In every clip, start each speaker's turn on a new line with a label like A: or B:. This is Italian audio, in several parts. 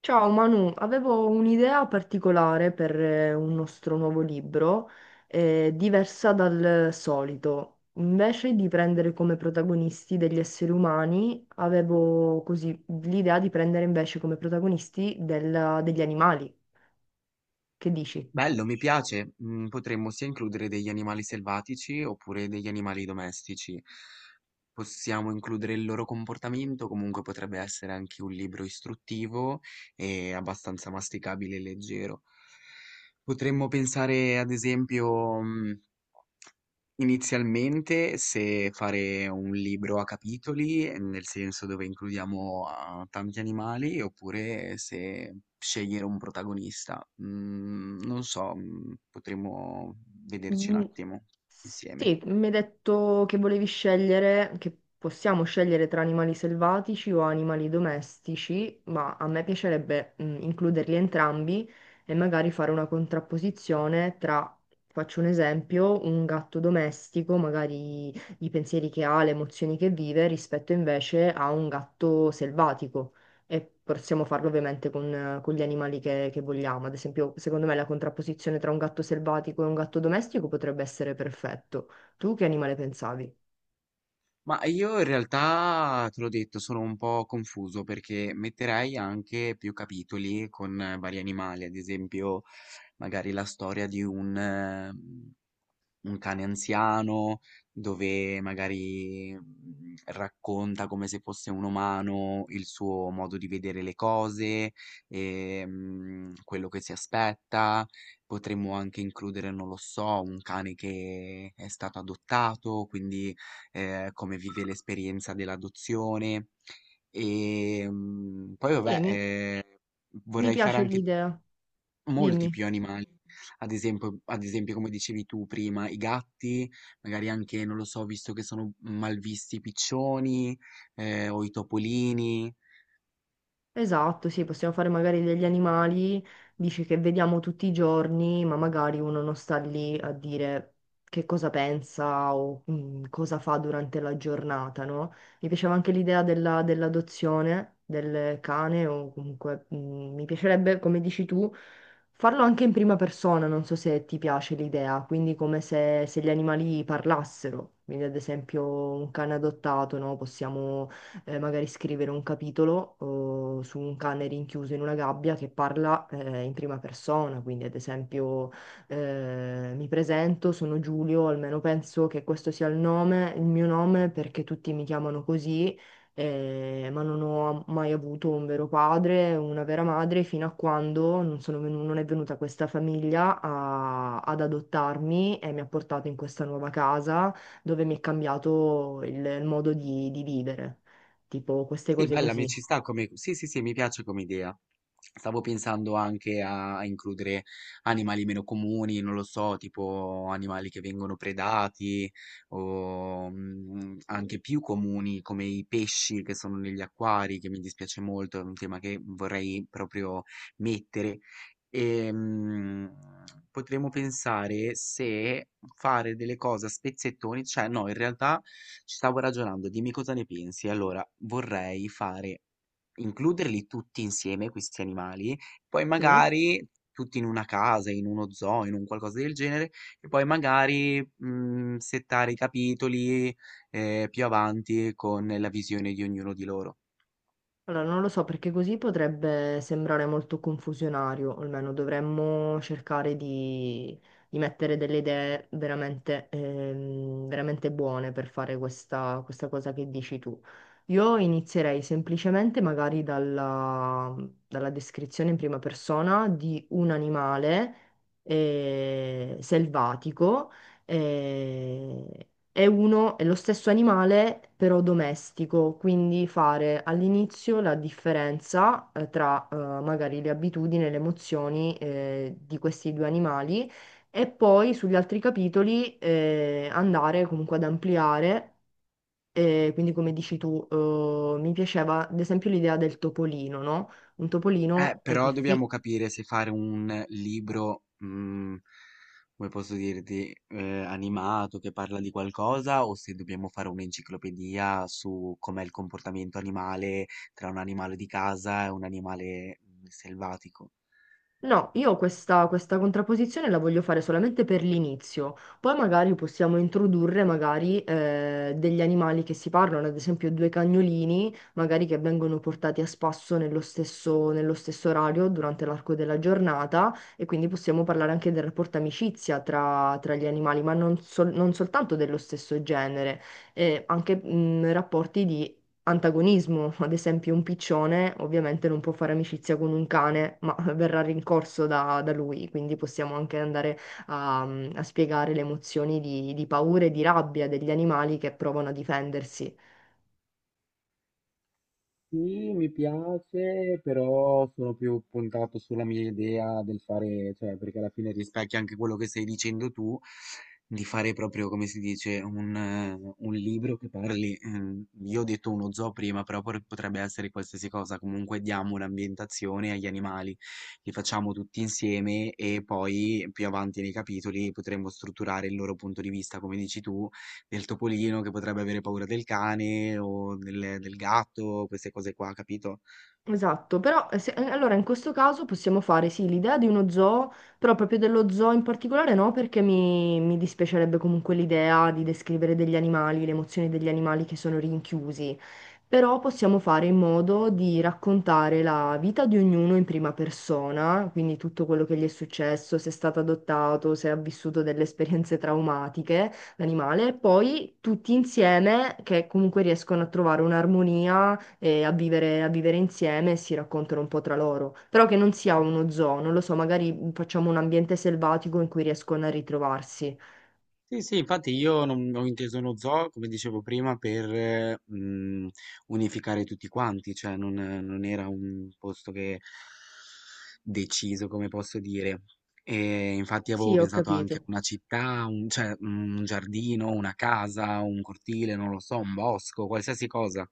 A: Ciao Manu, avevo un'idea particolare per un nostro nuovo libro, diversa dal solito. Invece di prendere come protagonisti degli esseri umani, avevo così l'idea di prendere invece come protagonisti degli animali. Che dici?
B: Bello, mi piace. Mm, potremmo sia includere degli animali selvatici oppure degli animali domestici. Possiamo includere il loro comportamento, comunque potrebbe essere anche un libro istruttivo e abbastanza masticabile e leggero. Potremmo pensare, ad esempio, inizialmente se fare un libro a capitoli, nel senso dove includiamo, tanti animali, oppure se scegliere un protagonista. Mhmm, non so, mhmm, potremmo vederci un
A: Mm,
B: attimo insieme.
A: Sì, mi hai detto che volevi scegliere, che possiamo scegliere tra animali selvatici o animali domestici, ma a me piacerebbe includerli entrambi e magari fare una contrapposizione tra, faccio un esempio, un gatto domestico, magari i pensieri che ha, le emozioni che vive, rispetto invece a un gatto selvatico. E possiamo farlo ovviamente con gli animali che vogliamo. Ad esempio, secondo me la contrapposizione tra un gatto selvatico e un gatto domestico potrebbe essere perfetto. Tu che animale pensavi?
B: Ma io in realtà, te l'ho detto, sono un po' confuso perché metterei anche più capitoli con vari animali, ad esempio magari la storia di un cane anziano, dove magari racconta come se fosse un umano il suo modo di vedere le cose, e, quello che si aspetta. Potremmo anche includere, non lo so, un cane che è stato adottato, quindi come vive l'esperienza dell'adozione. E poi
A: Sì,
B: vabbè,
A: mi, mi
B: vorrei fare
A: piace
B: anche
A: l'idea.
B: molti
A: Dimmi.
B: più animali. Ad esempio come dicevi tu prima, i gatti, magari anche, non lo so, visto che sono malvisti i piccioni, o i topolini.
A: Esatto, sì, possiamo fare magari degli animali, dici che vediamo tutti i giorni, ma magari uno non sta lì a dire che cosa pensa o cosa fa durante la giornata, no? Mi piaceva anche l'idea dell'adozione del cane o comunque mi piacerebbe, come dici tu, farlo anche in prima persona, non so se ti piace l'idea, quindi come se gli animali parlassero, quindi ad esempio un cane adottato, no? Possiamo magari scrivere un capitolo o su un cane rinchiuso in una gabbia che parla in prima persona, quindi ad esempio mi presento, sono Giulio, almeno penso che questo sia il nome, il mio nome perché tutti mi chiamano così. Ma non ho mai avuto un vero padre, una vera madre, fino a quando non è venuta questa famiglia ad adottarmi e mi ha portato in questa nuova casa dove mi è cambiato il modo di vivere, tipo queste
B: Sì,
A: cose
B: bella, mi ci
A: così.
B: sta come... Sì, sì, sì, mi piace come idea. Stavo pensando anche a includere animali meno comuni, non lo so, tipo animali che vengono predati o anche più comuni come i pesci che sono negli acquari, che mi dispiace molto, è un tema che vorrei proprio mettere. Ehm, potremmo pensare se fare delle cose a spezzettoni, cioè no, in realtà ci stavo ragionando, dimmi cosa ne pensi. Allora, vorrei fare, includerli tutti insieme, questi animali, poi
A: Sì.
B: magari tutti in una casa, in uno zoo, in un qualcosa del genere, e poi magari settare i capitoli più avanti con la visione di ognuno di loro.
A: Allora, non lo so perché così potrebbe sembrare molto confusionario, o almeno dovremmo cercare di mettere delle idee veramente, veramente buone per fare questa cosa che dici tu. Io inizierei semplicemente magari dalla descrizione in prima persona di un animale selvatico. eh, È uno, è lo stesso animale, però domestico, quindi fare all'inizio la differenza tra magari le abitudini e le emozioni di questi due animali e poi sugli altri capitoli andare comunque ad ampliare. Quindi come dici tu, mi piaceva ad esempio l'idea del topolino, no? Un topolino è
B: Però dobbiamo
A: difficile.
B: capire se fare un libro, mhmm, come posso dirti, animato che parla di qualcosa o se dobbiamo fare un'enciclopedia su com'è il comportamento animale tra un animale di casa e un animale, mhmm, selvatico.
A: No, io questa contrapposizione la voglio fare solamente per l'inizio, poi magari possiamo introdurre magari degli animali che si parlano, ad esempio due cagnolini, magari che vengono portati a spasso nello stesso orario durante l'arco della giornata e quindi possiamo parlare anche del rapporto amicizia tra, tra gli animali, ma non, non soltanto dello stesso genere, anche rapporti antagonismo, ad esempio un piccione ovviamente non può fare amicizia con un cane, ma verrà rincorso da, da lui, quindi possiamo anche andare a, a spiegare le emozioni di paura e di rabbia degli animali che provano a difendersi.
B: Sì, mi piace, però sono più puntato sulla mia idea del fare, cioè, perché alla fine rispecchia anche quello che stai dicendo tu, di fare proprio, come si dice, un libro che parli, io ho detto uno zoo prima, però potrebbe essere qualsiasi cosa, comunque diamo un'ambientazione agli animali, li facciamo tutti insieme e poi più avanti nei capitoli potremmo strutturare il loro punto di vista, come dici tu, del topolino che potrebbe avere paura del cane o del, del gatto, queste cose qua, capito?
A: Esatto, però allora in questo caso possiamo fare sì l'idea di uno zoo, però proprio dello zoo in particolare no, perché mi dispiacerebbe comunque l'idea di descrivere degli animali, le emozioni degli animali che sono rinchiusi, però possiamo fare in modo di raccontare la vita di ognuno in prima persona, quindi tutto quello che gli è successo, se è stato adottato, se ha vissuto delle esperienze traumatiche, l'animale, e poi tutti insieme che comunque riescono a trovare un'armonia a vivere insieme e si raccontano un po' tra loro. Però che non sia uno zoo, non lo so, magari facciamo un ambiente selvatico in cui riescono a ritrovarsi.
B: Sì, sì, infatti io non ho inteso uno zoo, come dicevo prima, per unificare tutti quanti, cioè non, non era un posto che deciso, come posso dire. E infatti
A: Sì,
B: avevo
A: ho
B: pensato anche a
A: capito.
B: una città, un, cioè un giardino, una casa, un cortile, non lo so, un bosco, qualsiasi cosa.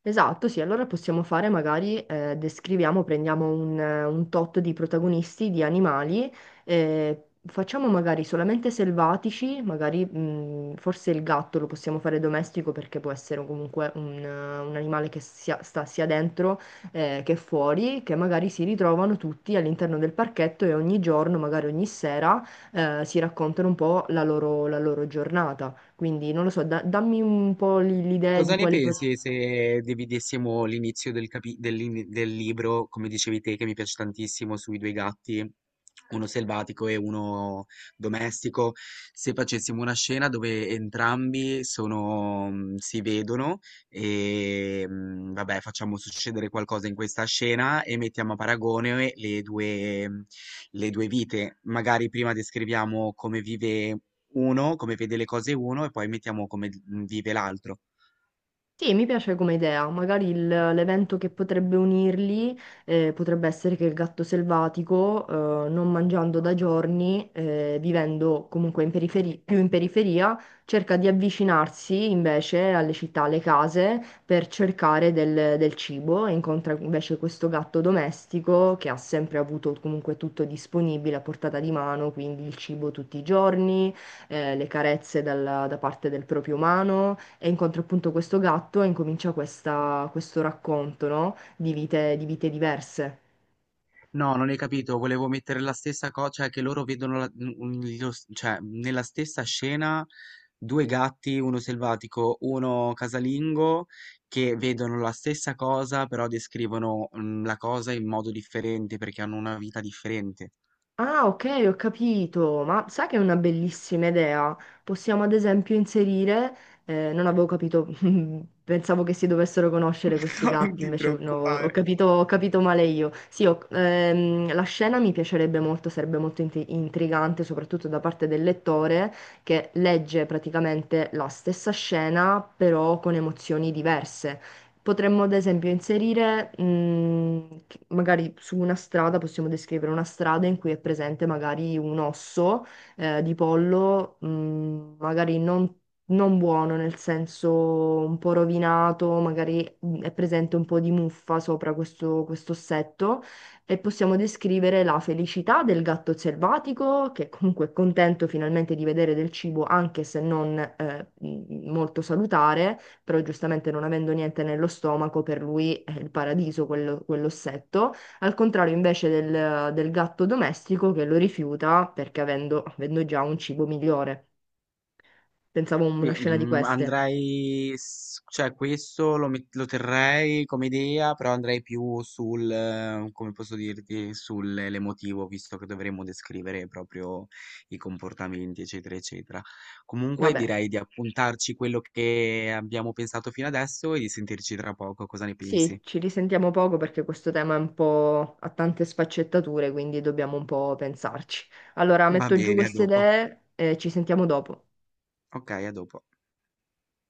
A: Esatto, sì, allora possiamo fare magari, descriviamo, prendiamo un tot di protagonisti, di animali, facciamo magari solamente selvatici, magari forse il gatto lo possiamo fare domestico perché può essere comunque un animale che sia, sta sia dentro che fuori, che magari si ritrovano tutti all'interno del parchetto e ogni giorno, magari ogni sera, si raccontano un po' la loro giornata. Quindi non lo so, dammi un po' l'idea
B: Cosa
A: di
B: ne
A: quali...
B: pensi se dividessimo l'inizio del, del libro, come dicevi te, che mi piace tantissimo, sui due gatti, uno selvatico e uno domestico, se facessimo una scena dove entrambi sono, si vedono e vabbè, facciamo succedere qualcosa in questa scena e mettiamo a paragone le due, le due vite. Magari prima descriviamo come vive uno, come vede le cose uno e poi mettiamo come vive l'altro.
A: Sì, mi piace come idea. Magari l'evento che potrebbe unirli potrebbe essere che il gatto selvatico, non mangiando da giorni, vivendo comunque in più in periferia, cerca di avvicinarsi invece alle città, alle case, per cercare del, del cibo e incontra invece questo gatto domestico che ha sempre avuto comunque tutto disponibile a portata di mano, quindi il cibo tutti i giorni le carezze da parte del proprio umano e incontra appunto questo gatto e incomincia questo racconto, no? Di vite diverse.
B: No, non hai capito, volevo mettere la stessa cosa, cioè che loro vedono cioè, nella stessa scena due gatti, uno selvatico, uno casalingo, che vedono la stessa cosa, però descrivono la cosa in modo differente perché hanno una vita differente.
A: Ah, ok, ho capito, ma sai che è una bellissima idea. Possiamo ad esempio inserire, non avevo capito, pensavo che si dovessero conoscere questi
B: Non
A: gatti,
B: ti
A: invece no,
B: preoccupare.
A: ho capito male io. Sì, la scena mi piacerebbe molto, sarebbe molto intrigante, soprattutto da parte del lettore che legge praticamente la stessa scena, però con emozioni diverse. Potremmo ad esempio inserire, magari su una strada, possiamo descrivere una strada in cui è presente magari un osso di pollo, magari non buono, nel senso un po' rovinato, magari è presente un po' di muffa sopra questo, questo ossetto e possiamo descrivere la felicità del gatto selvatico, che comunque è contento finalmente di vedere del cibo, anche se non molto salutare, però giustamente non avendo niente nello stomaco, per lui è il paradiso quell'ossetto, al contrario invece del, del gatto domestico che lo rifiuta perché avendo già un cibo migliore. Pensavo a
B: Qui,
A: una scena di
B: mhmm,
A: queste.
B: andrei s cioè questo lo terrei come idea, però andrei più sul come posso dirti, sul l'emotivo, visto che dovremmo descrivere proprio i comportamenti, eccetera, eccetera. Comunque
A: Vabbè,
B: direi di appuntarci quello che abbiamo pensato fino adesso e di sentirci tra poco, cosa ne
A: sì,
B: pensi?
A: ci risentiamo poco perché questo tema è un po' ha tante sfaccettature, quindi dobbiamo un po' pensarci. Allora,
B: Va
A: metto giù
B: bene, a
A: queste
B: dopo.
A: idee e ci sentiamo dopo.
B: Okay, a dopo.